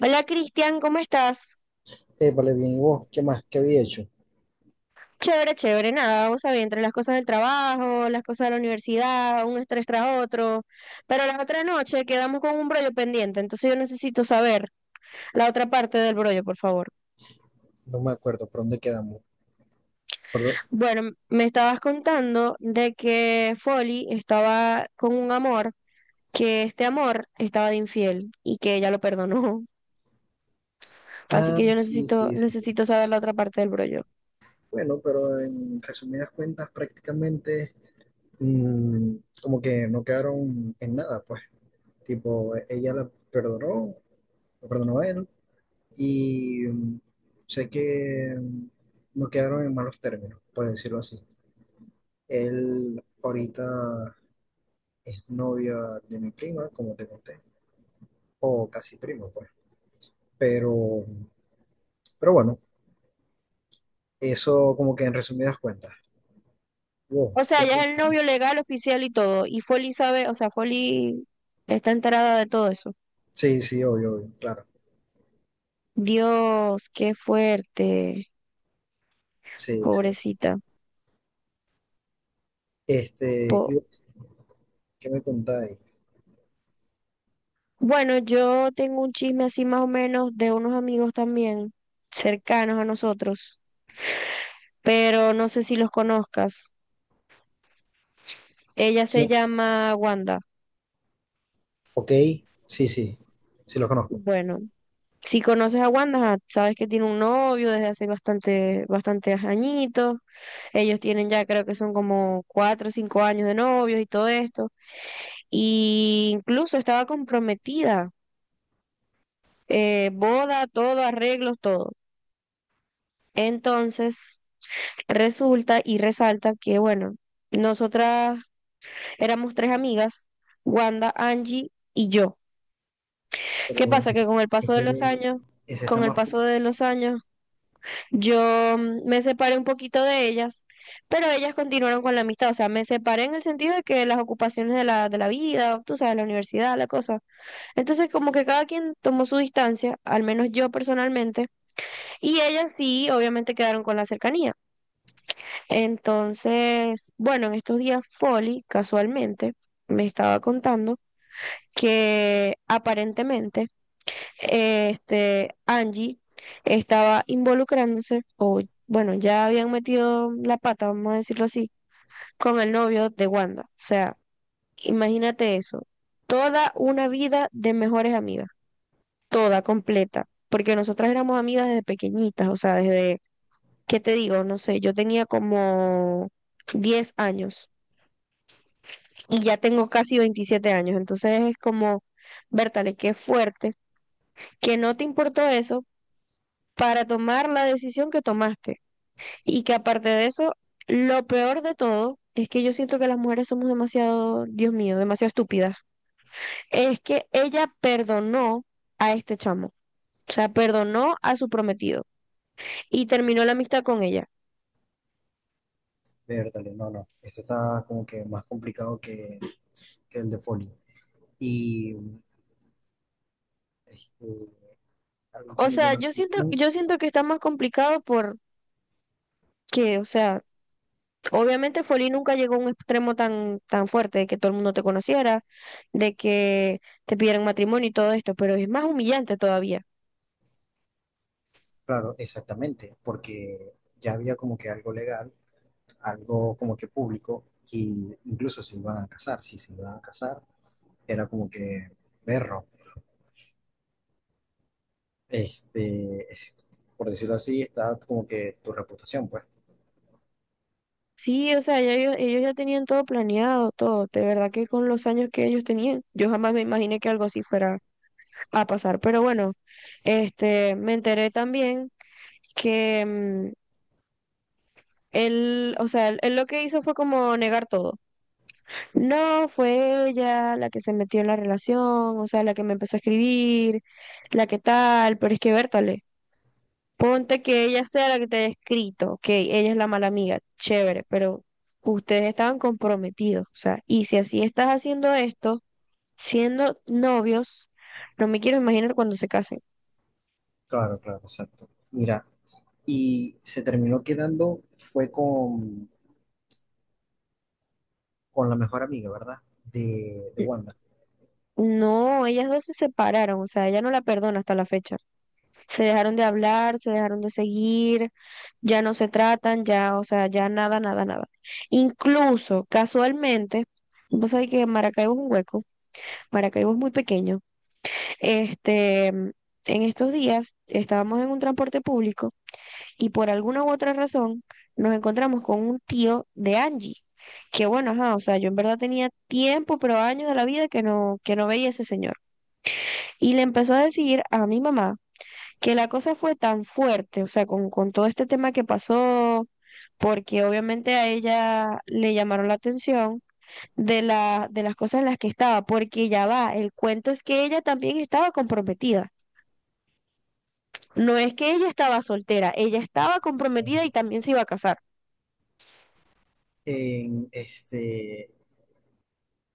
Hola Cristian, ¿cómo estás? Vale, bien, ¿y vos? ¿Qué más? ¿Qué había hecho? Chévere, chévere, nada, vos sabés, entre las cosas del trabajo, las cosas de la universidad, un estrés tras otro, pero la otra noche quedamos con un brollo pendiente, entonces yo necesito saber la otra parte del brollo, por favor. No me acuerdo, ¿por dónde quedamos? ¿Por dó- Bueno, me estabas contando de que Folly estaba con un amor, que este amor estaba de infiel y que ella lo perdonó, así Ah, que yo sí, necesito, sí, sí. necesito saber la otra parte del brollo. Bueno, pero en resumidas cuentas, prácticamente mm, como que no quedaron en nada, pues. Tipo, ella la perdonó, lo perdonó a él, y sé que no quedaron en malos términos, por decirlo así. Él ahorita es novia de mi prima, como te conté, o casi primo, pues. Pero, pero bueno. Eso como que en resumidas cuentas. Wow, O ¿qué sea, ya me- es el novio legal, oficial y todo. Y Foley sabe, o sea, Foley está enterada de todo eso. Sí, sí, obvio, obvio, claro. Dios, qué fuerte, Sí, sí. pobrecita. Este, y Po- bueno, ¿qué me contáis? bueno, yo tengo un chisme así más o menos de unos amigos también, cercanos a nosotros, pero no sé si los conozcas. Ella se ¿Quién? llama Wanda. Ok, sí, sí, sí lo conozco. Bueno, si conoces a Wanda, ajá, sabes que tiene un novio desde hace bastante, bastantes añitos. Ellos tienen ya, creo que son como 4 o 5 años de novios y todo esto. Y incluso estaba comprometida, boda, todo, arreglos, todo. Entonces, resulta y resalta que, bueno, nosotras éramos tres amigas, Wanda, Angie y yo. Pero ¿Qué pasa? ese, Que con el paso de los este- años, Ese está con el más paso fuerte. de los años, yo me separé un poquito de ellas, pero ellas continuaron con la amistad, o sea, me separé en el sentido de que las ocupaciones de la vida, tú sabes, la universidad, la cosa. Entonces, como que cada quien tomó su distancia, al menos yo personalmente, y ellas sí, obviamente quedaron con la cercanía. Entonces, bueno, en estos días Folly, casualmente, me estaba contando que aparentemente Angie estaba involucrándose, o bueno, ya habían metido la pata, vamos a decirlo así, con el novio de Wanda. O sea, imagínate eso. Toda una vida de mejores amigas, toda completa, porque nosotras éramos amigas desde pequeñitas, o sea, desde, ¿qué te digo? No sé, yo tenía como 10 años y ya tengo casi 27 años, entonces es como, Bertale, qué fuerte que no te importó eso para tomar la decisión que tomaste. Y que aparte de eso, lo peor de todo es que yo siento que las mujeres somos demasiado, Dios mío, demasiado estúpidas. Es que ella perdonó a este chamo. O sea, perdonó a su prometido y terminó la amistad con ella. Vértale, no, no. Este está como que más complicado que el de Foley. Y este, algo que O me sea, llama la yo siento, atención, yo siento que está más complicado porque, o sea, obviamente Folly nunca llegó a un extremo tan, tan fuerte de que todo el mundo te conociera, de que te pidieran matrimonio y todo esto, pero es más humillante todavía. claro, exactamente, porque ya había como que algo legal, algo como que público, y incluso se iban a casar, si se iban a casar, era como que perro, este, es- por decirlo así, está como que tu reputación, pues. Sí, o sea, ya ellos ya tenían todo planeado, todo. De verdad que con los años que ellos tenían, yo jamás me imaginé que algo así fuera a pasar. Pero bueno, me enteré también que él, o sea, él lo que hizo fue como negar todo. No, fue ella la que se metió en la relación, o sea, la que me empezó a escribir, la que tal, pero es que Bertale. Ponte que ella sea la que te haya escrito, ok, ella es la mala amiga, chévere, pero ustedes estaban comprometidos, o sea, y si así estás haciendo esto, siendo novios, no me quiero imaginar cuando se casen. Claro, claro, exacto. Mira, y se terminó quedando, fue con la mejor amiga, ¿verdad? De N- Wanda. No, ellas dos se separaron, o sea, ella no la perdona hasta la fecha. Se dejaron de hablar, se dejaron de seguir, ya no se tratan, ya, o sea, ya nada, nada, nada. Incluso, casualmente, vos sabés que Maracaibo es un hueco, Maracaibo es muy pequeño. Este, mm, en estos días estábamos en un transporte público y por alguna u otra razón nos encontramos con un tío de Angie, que bueno, ajá, o sea, yo en verdad tenía tiempo, pero años de la vida que no veía a ese señor. Y le empezó a decir a mi mamá que la cosa fue tan fuerte, o sea, con todo este tema que pasó, porque obviamente a ella le llamaron la atención de las cosas en las que estaba, porque ya va, el cuento es que ella también estaba comprometida. No es que ella estaba soltera, ella estaba comprometida y también se iba a casar. En este,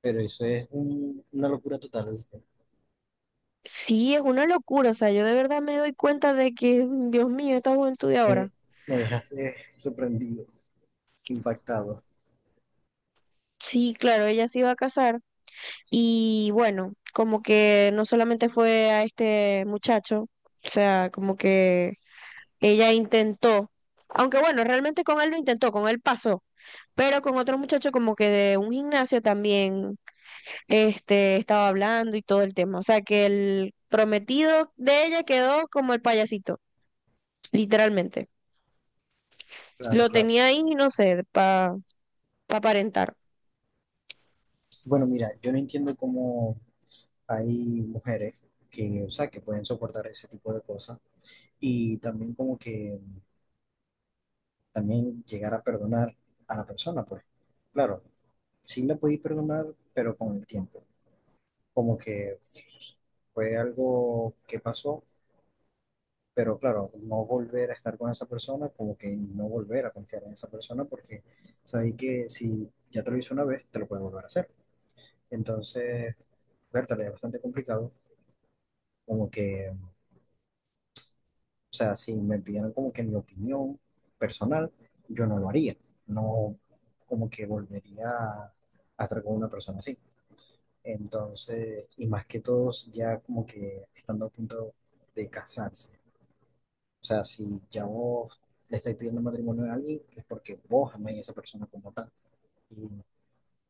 pero eso es una locura total, ¿viste? Sí, es una locura, o sea, yo de verdad me doy cuenta de que, Dios mío, esta juventud de ahora. Me, me dejaste sorprendido, impactado. Sí, claro, ella se iba a casar y bueno, como que no solamente fue a este muchacho, o sea, como que ella intentó, aunque bueno, realmente con él lo intentó, con él pasó, pero con otro muchacho como que de un gimnasio también estaba hablando y todo el tema. O sea, que el prometido de ella quedó como el payasito, literalmente. Claro, Lo claro. tenía ahí, no sé, para aparentar. Bueno, mira, yo no entiendo cómo hay mujeres que, o sea, que pueden soportar ese tipo de cosas y también como que también llegar a perdonar a la persona, pues. Claro, sí la podéis perdonar, pero con el tiempo. Como que fue algo que pasó, pero claro, no volver a estar con esa persona, como que no volver a confiar en esa persona porque sabéis que si ya te lo hizo una vez, te lo puede volver a hacer. Entonces, Berta, es bastante complicado, como que. O sea, si me pidieran como que mi opinión personal, yo no lo haría. No, como que volvería a estar con una persona así. Entonces, y más que todos ya como que estando a punto de casarse. O sea, si ya vos le estáis pidiendo matrimonio a alguien, es porque vos amáis a esa persona como tal y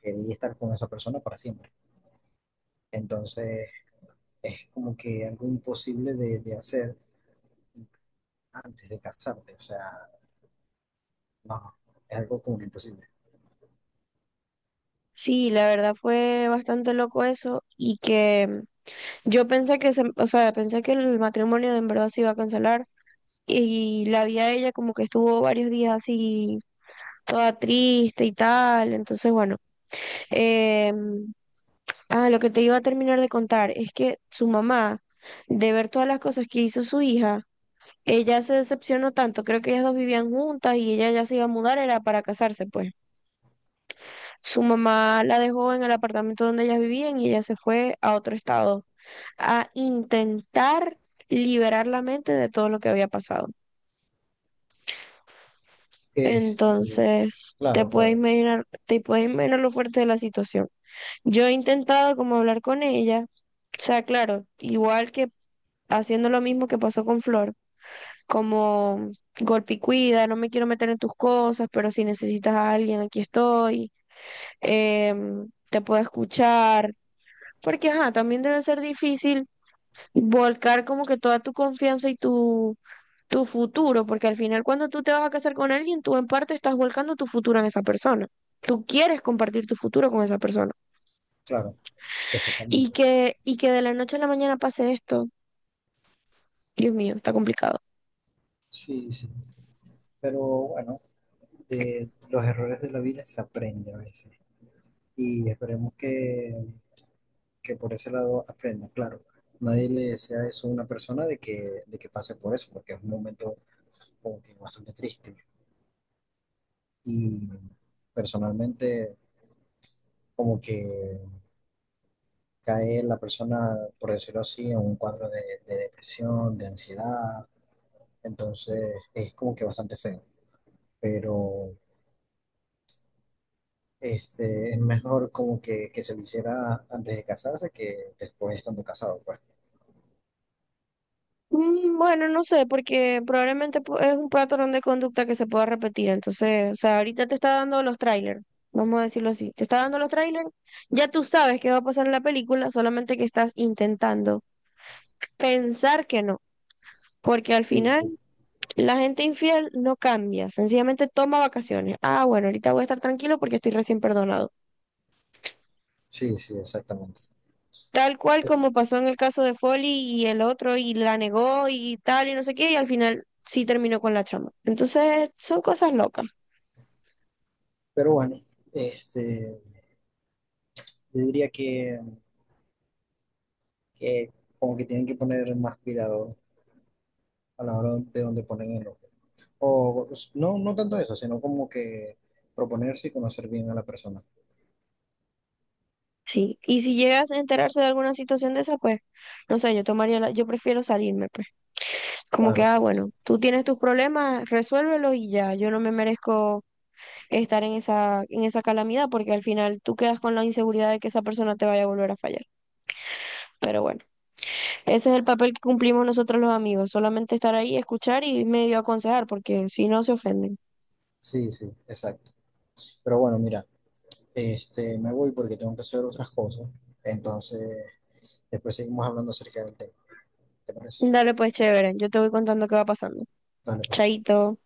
queréis estar con esa persona para siempre. Entonces, es como que algo imposible de hacer antes de casarte. O sea, no, es algo como que imposible. Sí, la verdad fue bastante loco eso y que yo pensé que se, o sea, pensé que el matrimonio en verdad se iba a cancelar y la vi a ella como que estuvo varios días así toda triste y tal, entonces bueno, eh, ah, lo que te iba a terminar de contar es que su mamá, de ver todas las cosas que hizo su hija, ella se decepcionó tanto. Creo que ellas dos vivían juntas y ella ya se iba a mudar, era para casarse, pues. Su mamá la dejó en el apartamento donde ellas vivían y ella se fue a otro estado a intentar liberar la mente de todo lo que había pasado. Este, Entonces, te claro, puedes claro, imaginar, te puedes imaginar lo fuerte de la situación. Yo he intentado como hablar con ella. O sea, claro, igual que haciendo lo mismo que pasó con Flor, como golpe y cuida, no me quiero meter en tus cosas, pero si necesitas a alguien, aquí estoy, te puedo escuchar, porque ajá, también debe ser difícil volcar como que toda tu confianza y tu futuro, porque al final cuando tú te vas a casar con alguien, tú en parte estás volcando tu futuro en esa persona. Tú quieres compartir tu futuro con esa persona. claro, Y exactamente. que, y que de la noche a la mañana pase esto, Dios mío, está complicado. Sí, sí. Pero bueno, de los errores de la vida se aprende a veces. Y esperemos que por ese lado aprenda. Claro, nadie le desea eso a una persona de que pase por eso, porque es un momento como que bastante triste. Y personalmente, como que cae la persona, por decirlo así, en un cuadro de depresión, de ansiedad. Entonces, es como que bastante feo. Pero este, es mejor como que se lo hiciera antes de casarse que después estando casado, pues. Bueno, no sé, porque probablemente es un patrón de conducta que se pueda repetir. Entonces, o sea, ahorita te está dando los trailers, vamos a decirlo así. Te está dando los trailers, ya tú sabes qué va a pasar en la película, solamente que estás intentando pensar que no. Porque al Sí, final sí, la gente infiel no cambia, sencillamente toma vacaciones. Ah, bueno, ahorita voy a estar tranquilo porque estoy recién perdonado. sí, sí, exactamente. Tal cual como pasó en el caso de Foley y el otro, y la negó y tal, y no sé qué, y al final sí terminó con la chama. Entonces, son cosas locas, Pero bueno, este, yo diría que como que tienen que poner más cuidado a la hora de dónde ponen el ojo. O pues, no, no tanto eso, sino como que proponerse y conocer bien a la persona. sí. Y si llegas a enterarse de alguna situación de esa, pues, no sé, yo tomaría la, yo prefiero salirme, pues. Como que, Claro, ah, claro, bueno, claro. tú tienes tus problemas, resuélvelos y ya. Yo no me merezco estar en esa calamidad, porque al final tú quedas con la inseguridad de que esa persona te vaya a volver a fallar. Pero bueno. Ese es el papel que cumplimos nosotros los amigos, solamente estar ahí, escuchar y medio aconsejar, porque si no se ofenden. Sí, sí, exacto. Pero bueno, mira, este, me voy porque tengo que hacer otras cosas. Entonces, después seguimos hablando acerca del tema. ¿Te parece? Dale pues, chévere, yo te voy contando qué va pasando. Dale, pues. Chaito.